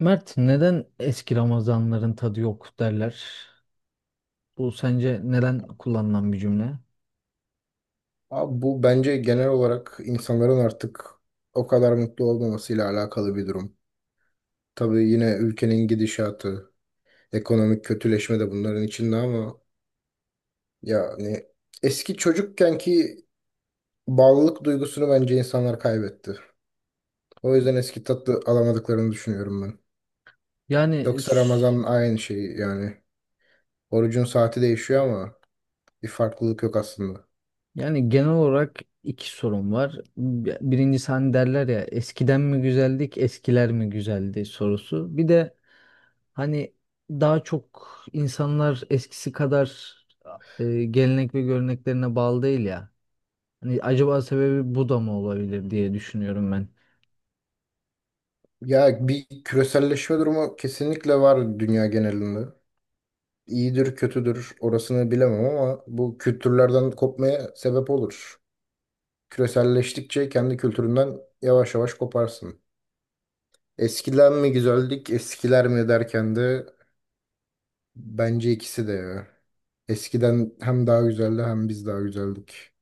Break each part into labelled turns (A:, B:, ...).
A: Mert, neden eski Ramazanların tadı yok derler? Bu sence neden kullanılan bir cümle?
B: Abi bu bence genel olarak insanların artık o kadar mutlu olmamasıyla alakalı bir durum. Tabii yine ülkenin gidişatı, ekonomik kötüleşme de bunların içinde ama yani eski çocukkenki bağlılık duygusunu bence insanlar kaybetti. O yüzden eski tatlı alamadıklarını düşünüyorum ben.
A: Yani
B: Yoksa
A: s-
B: Ramazan aynı şey yani. Orucun saati değişiyor ama bir farklılık yok aslında.
A: yani genel olarak iki sorun var. Birincisi hani derler ya eskiden mi güzeldik, eskiler mi güzeldi sorusu. Bir de hani daha çok insanlar eskisi kadar gelenek ve göreneklerine bağlı değil ya. Hani acaba sebebi bu da mı olabilir diye düşünüyorum ben.
B: Ya bir küreselleşme durumu kesinlikle var dünya genelinde. İyidir kötüdür orasını bilemem ama bu kültürlerden kopmaya sebep olur. Küreselleştikçe kendi kültüründen yavaş yavaş koparsın. Eskiden mi güzeldik, eskiler mi derken de bence ikisi de ya. Eskiden hem daha güzeldi hem biz daha güzeldik.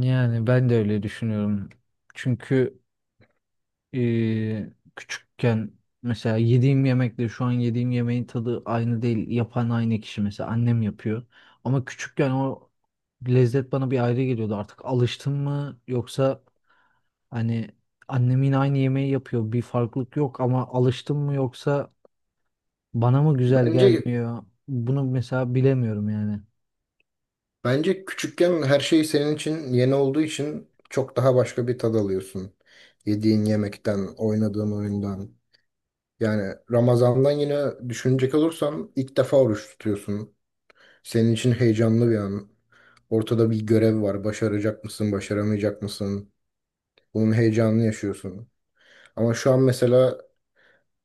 A: Yani ben de öyle düşünüyorum. Çünkü Ee, küçükken mesela yediğim yemekle şu an yediğim yemeğin tadı aynı değil. Yapan aynı kişi, mesela annem yapıyor. Ama küçükken o lezzet bana bir ayrı geliyordu. Artık alıştım mı yoksa hani annem yine aynı yemeği yapıyor. Bir farklılık yok ama alıştım mı yoksa bana mı güzel
B: Bence
A: gelmiyor? Bunu mesela bilemiyorum yani.
B: bence küçükken her şey senin için yeni olduğu için çok daha başka bir tad alıyorsun. Yediğin yemekten, oynadığın oyundan. Yani Ramazan'dan yine düşünecek olursan ilk defa oruç tutuyorsun. Senin için heyecanlı bir an. Ortada bir görev var. Başaracak mısın, başaramayacak mısın? Bunun heyecanını yaşıyorsun. Ama şu an mesela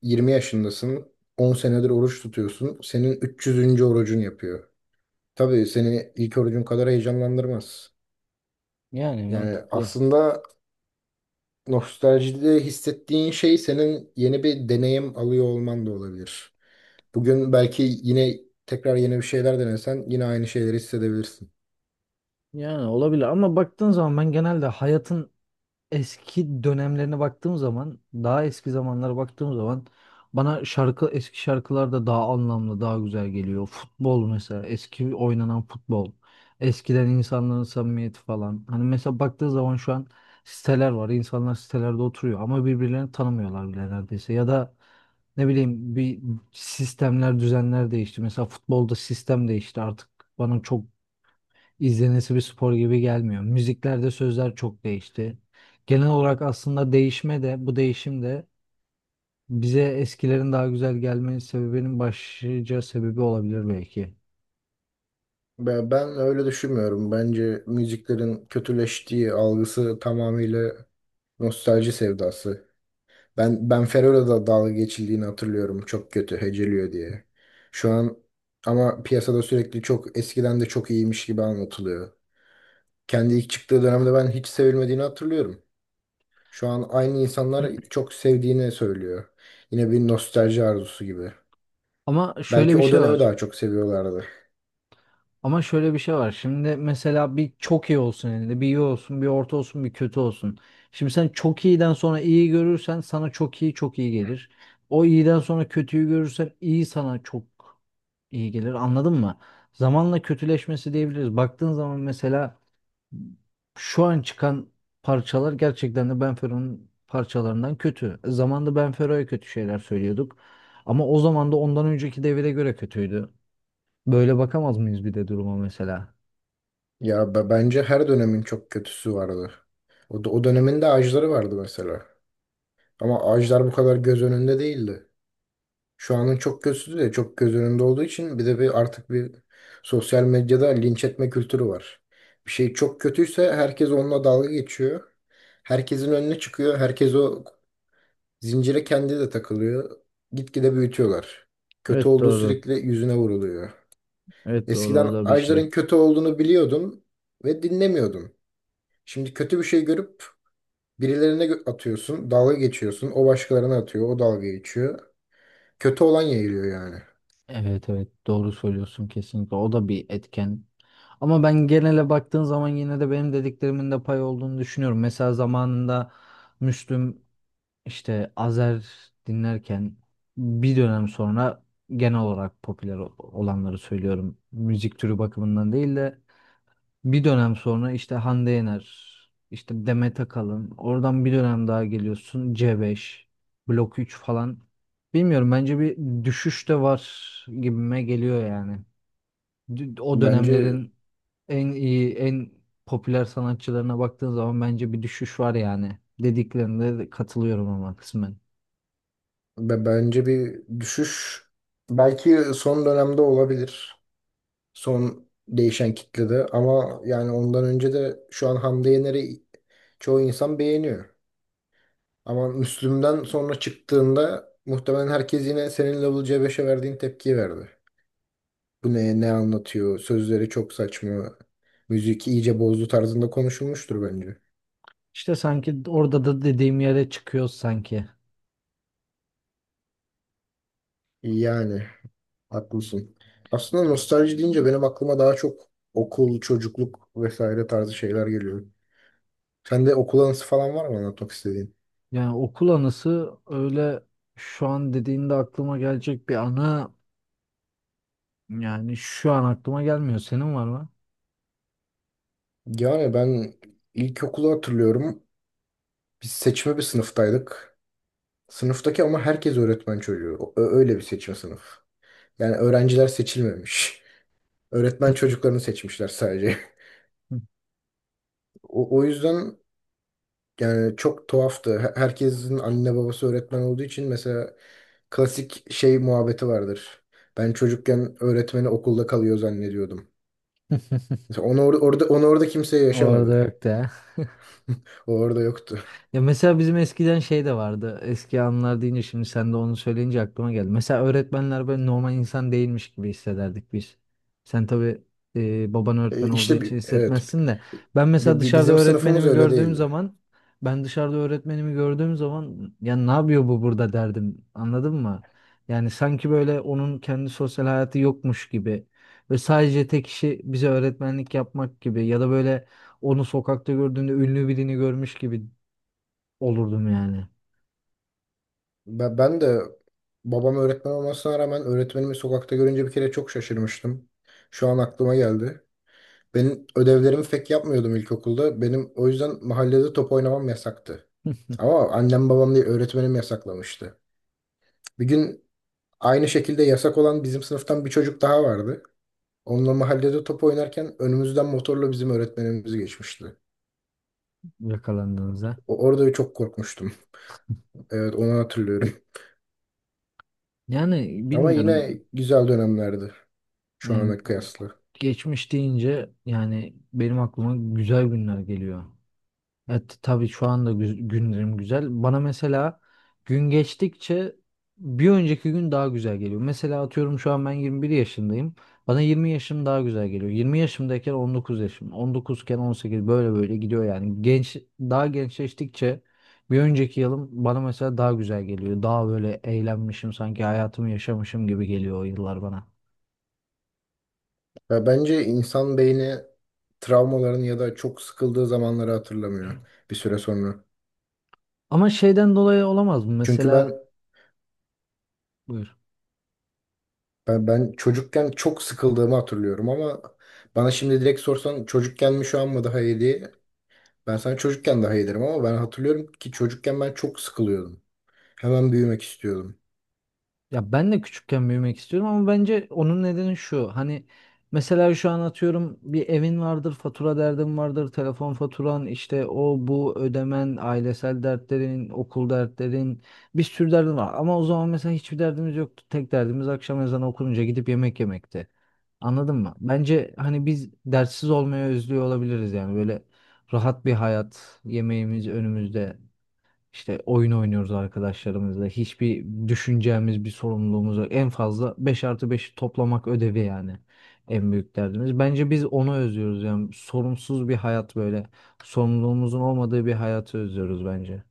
B: 20 yaşındasın. 10 senedir oruç tutuyorsun. Senin 300. orucun yapıyor. Tabii seni ilk orucun kadar heyecanlandırmaz.
A: Yani
B: Yani
A: mantıklı.
B: aslında nostaljide hissettiğin şey senin yeni bir deneyim alıyor olman da olabilir. Bugün belki yine tekrar yeni bir şeyler denesen yine aynı şeyleri hissedebilirsin.
A: Yani olabilir ama baktığın zaman ben genelde hayatın eski dönemlerine baktığım zaman, daha eski zamanlara baktığım zaman bana şarkı eski şarkılar da daha anlamlı, daha güzel geliyor. Futbol mesela, eski oynanan futbol. Eskiden insanların samimiyeti falan. Hani mesela baktığı zaman şu an siteler var. İnsanlar sitelerde oturuyor ama birbirlerini tanımıyorlar bile neredeyse. Ya da ne bileyim bir sistemler, düzenler değişti. Mesela futbolda sistem değişti artık. Bana çok izlenesi bir spor gibi gelmiyor. Müziklerde sözler çok değişti. Genel olarak aslında değişme de bu değişim de bize eskilerin daha güzel gelme sebebinin başlıca sebebi olabilir belki.
B: Ben öyle düşünmüyorum. Bence müziklerin kötüleştiği algısı tamamıyla nostalji sevdası. Ben Ben Fero'yla da dalga geçildiğini hatırlıyorum. Çok kötü heceliyor diye. Şu an ama piyasada sürekli çok eskiden de çok iyiymiş gibi anlatılıyor. Kendi ilk çıktığı dönemde ben hiç sevilmediğini hatırlıyorum. Şu an aynı insanlar çok sevdiğini söylüyor. Yine bir nostalji arzusu gibi.
A: Ama şöyle
B: Belki
A: bir
B: o
A: şey
B: dönemi
A: var.
B: daha çok seviyorlardı.
A: Ama şöyle bir şey var. Şimdi mesela bir çok iyi olsun elinde, bir iyi olsun, bir orta olsun, bir kötü olsun. Şimdi sen çok iyiden sonra iyi görürsen sana çok iyi çok iyi gelir. O iyiden sonra kötüyü görürsen iyi sana çok iyi gelir. Anladın mı? Zamanla kötüleşmesi diyebiliriz. Baktığın zaman mesela şu an çıkan parçalar gerçekten de Benfero'nun parçalarından kötü. Zamanında Benfero'ya kötü şeyler söylüyorduk. Ama o zaman da ondan önceki devire göre kötüydü. Böyle bakamaz mıyız bir de duruma mesela?
B: Bence her dönemin çok kötüsü vardı. O dönemin de ağaçları vardı mesela. Ama ağaçlar bu kadar göz önünde değildi. Şu anın çok kötüsü de çok göz önünde olduğu için bir de bir artık bir sosyal medyada linç etme kültürü var. Bir şey çok kötüyse herkes onunla dalga geçiyor. Herkesin önüne çıkıyor. Herkes o zincire kendi de takılıyor. Gitgide büyütüyorlar. Kötü
A: Evet,
B: olduğu
A: doğru.
B: sürekli yüzüne vuruluyor.
A: Evet, doğru,
B: Eskiden
A: o da bir
B: ağaçların
A: şey.
B: kötü olduğunu biliyordum ve dinlemiyordum. Şimdi kötü bir şey görüp atıyorsun, dalga geçiyorsun. O başkalarına atıyor, o dalga geçiyor. Kötü olan yayılıyor yani.
A: Evet, evet, doğru söylüyorsun kesinlikle. O da bir etken. Ama ben genele baktığın zaman yine de benim dediklerimin de pay olduğunu düşünüyorum. Mesela zamanında Müslüm, işte Azer dinlerken bir dönem sonra genel olarak popüler olanları söylüyorum. Müzik türü bakımından değil de bir dönem sonra işte Hande Yener, işte Demet Akalın, oradan bir dönem daha geliyorsun C5, Blok 3 falan. Bilmiyorum, bence bir düşüş de var gibime geliyor yani. O
B: Bence
A: dönemlerin en iyi, en popüler sanatçılarına baktığın zaman bence bir düşüş var yani. Dediklerinde de katılıyorum ama kısmen.
B: bence bir düşüş belki son dönemde olabilir. Son değişen kitlede ama yani ondan önce de şu an Hande Yener'i çoğu insan beğeniyor. Ama Müslüm'den sonra çıktığında muhtemelen herkes yine senin Level C5'e verdiğin tepkiyi verdi. Bu ne, ne anlatıyor? Sözleri çok saçma. Müzik iyice bozdu tarzında konuşulmuştur bence.
A: İşte sanki orada da dediğim yere çıkıyoruz sanki.
B: Yani haklısın. Aslında nostalji deyince benim aklıma daha çok okul, çocukluk vesaire tarzı şeyler geliyor. Sende okul anısı falan var mı anlatmak istediğin?
A: Yani okul anısı öyle şu an dediğinde aklıma gelecek bir anı, yani şu an aklıma gelmiyor. Senin var mı?
B: Yani ben ilkokulu hatırlıyorum. Biz seçme bir sınıftaydık. Sınıftaki ama herkes öğretmen çocuğu. Öyle bir seçme sınıf. Yani öğrenciler seçilmemiş. Öğretmen çocuklarını seçmişler sadece. O yüzden yani çok tuhaftı. Herkesin anne babası öğretmen olduğu için mesela klasik şey muhabbeti vardır. Ben çocukken öğretmeni okulda kalıyor zannediyordum. Mesela onu orada kimse
A: Orada
B: yaşamadı.
A: yok de.
B: O orada yoktu.
A: Ya mesela bizim eskiden şey de vardı. Eski anılar deyince şimdi sen de onu söyleyince aklıma geldi. Mesela öğretmenler böyle normal insan değilmiş gibi hissederdik biz. Sen tabii baban öğretmen
B: E,
A: olduğu
B: işte
A: için
B: bi- evet
A: hissetmezsin de. Ben mesela
B: bi- bi-
A: dışarıda
B: bizim sınıfımız
A: öğretmenimi
B: öyle
A: gördüğüm
B: değildi.
A: zaman ben dışarıda öğretmenimi gördüğüm zaman ya ne yapıyor bu burada derdim. Anladın mı? Yani sanki böyle onun kendi sosyal hayatı yokmuş gibi ve sadece tek işi bize öğretmenlik yapmak gibi ya da böyle onu sokakta gördüğünde ünlü birini görmüş gibi olurdum yani.
B: Ben de babam öğretmen olmasına rağmen öğretmenimi sokakta görünce bir kere çok şaşırmıştım. Şu an aklıma geldi. Benim ödevlerimi pek yapmıyordum ilkokulda. Benim o yüzden mahallede top oynamam yasaktı. Ama annem babam değil öğretmenim yasaklamıştı. Bir gün aynı şekilde yasak olan bizim sınıftan bir çocuk daha vardı. Onunla mahallede top oynarken önümüzden motorla bizim öğretmenimiz geçmişti.
A: Yakalandığınızda.
B: Orada çok korkmuştum. Evet onu hatırlıyorum.
A: Yani
B: Ama yine
A: bilmiyorum.
B: güzel dönemlerdi şu
A: Yani
B: ana kıyasla.
A: geçmiş deyince yani benim aklıma güzel günler geliyor. Evet, tabii şu anda günlerim güzel. Bana mesela gün geçtikçe bir önceki gün daha güzel geliyor. Mesela atıyorum şu an ben 21 yaşındayım. Bana 20 yaşım daha güzel geliyor. 20 yaşımdayken 19 yaşım. 19'ken 18 böyle böyle gidiyor yani. Genç daha gençleştikçe bir önceki yılım bana mesela daha güzel geliyor. Daha böyle eğlenmişim, sanki hayatımı yaşamışım gibi geliyor o yıllar bana.
B: Ya bence insan beyni travmaların ya da çok sıkıldığı zamanları hatırlamıyor bir süre sonra.
A: Ama şeyden dolayı olamaz mı?
B: Çünkü ben
A: Mesela buyur.
B: Ben çocukken çok sıkıldığımı hatırlıyorum ama bana şimdi direkt sorsan çocukken mi şu an mı daha iyiydi? Ben sana çocukken daha iyi derim ama ben hatırlıyorum ki çocukken ben çok sıkılıyordum. Hemen büyümek istiyordum.
A: Ya ben de küçükken büyümek istiyorum ama bence onun nedeni şu. Hani mesela şu an atıyorum bir evin vardır, fatura derdin vardır, telefon faturan, işte o bu ödemen, ailesel dertlerin, okul dertlerin, bir sürü derdin var. Ama o zaman mesela hiçbir derdimiz yoktu. Tek derdimiz akşam ezanı okununca gidip yemek yemekti. Anladın mı? Bence hani biz dertsiz olmaya özlüyor olabiliriz yani, böyle rahat bir hayat, yemeğimiz önümüzde. İşte oyun oynuyoruz arkadaşlarımızla. Hiçbir düşüneceğimiz bir sorumluluğumuz yok. En fazla 5 artı 5 toplamak ödevi yani. En büyük derdimiz. Bence biz onu özlüyoruz yani. Sorumsuz bir hayat böyle. Sorumluluğumuzun olmadığı bir hayatı özlüyoruz bence.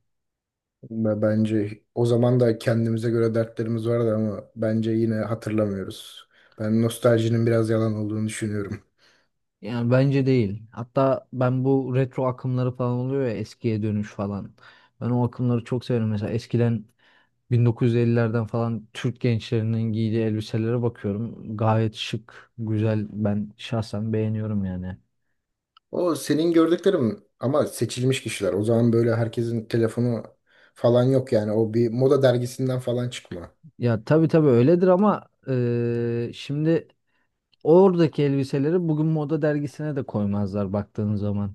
B: Ve bence o zaman da kendimize göre dertlerimiz vardı ama bence yine hatırlamıyoruz. Ben nostaljinin biraz yalan olduğunu düşünüyorum.
A: Yani bence değil. Hatta ben bu retro akımları falan oluyor ya, eskiye dönüş falan. Ben o akımları çok severim. Mesela eskiden 1950'lerden falan Türk gençlerinin giydiği elbiselere bakıyorum. Gayet şık, güzel. Ben şahsen beğeniyorum yani.
B: O senin gördüklerim ama seçilmiş kişiler. O zaman böyle herkesin telefonu falan yok yani. O bir moda dergisinden falan çıkma.
A: Ya tabii tabii öyledir ama şimdi oradaki elbiseleri bugün moda dergisine de koymazlar baktığın zaman.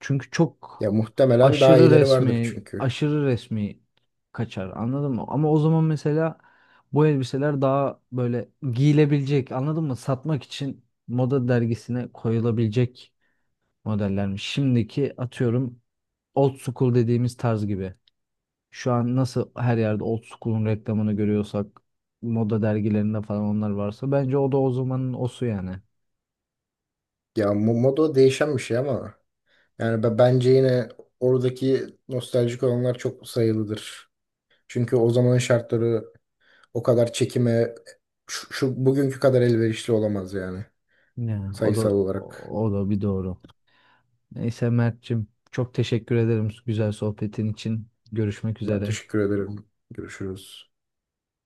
A: Çünkü çok
B: Ya muhtemelen daha iyileri vardır çünkü.
A: aşırı resmi kaçar, anladın mı? Ama o zaman mesela bu elbiseler daha böyle giyilebilecek, anladın mı? Satmak için moda dergisine koyulabilecek modellermiş. Şimdiki atıyorum old school dediğimiz tarz gibi. Şu an nasıl her yerde old school'un reklamını görüyorsak moda dergilerinde falan onlar varsa bence o da o zamanın osu yani.
B: Moda değişen bir şey ama yani bence yine oradaki nostaljik olanlar çok sayılıdır. Çünkü o zamanın şartları o kadar çekime şu bugünkü kadar elverişli olamaz yani
A: Ya, o da
B: sayısal olarak.
A: o da bir doğru. Neyse Mert'cim, çok teşekkür ederim güzel sohbetin için. Görüşmek
B: Ben
A: üzere.
B: teşekkür ederim. Görüşürüz.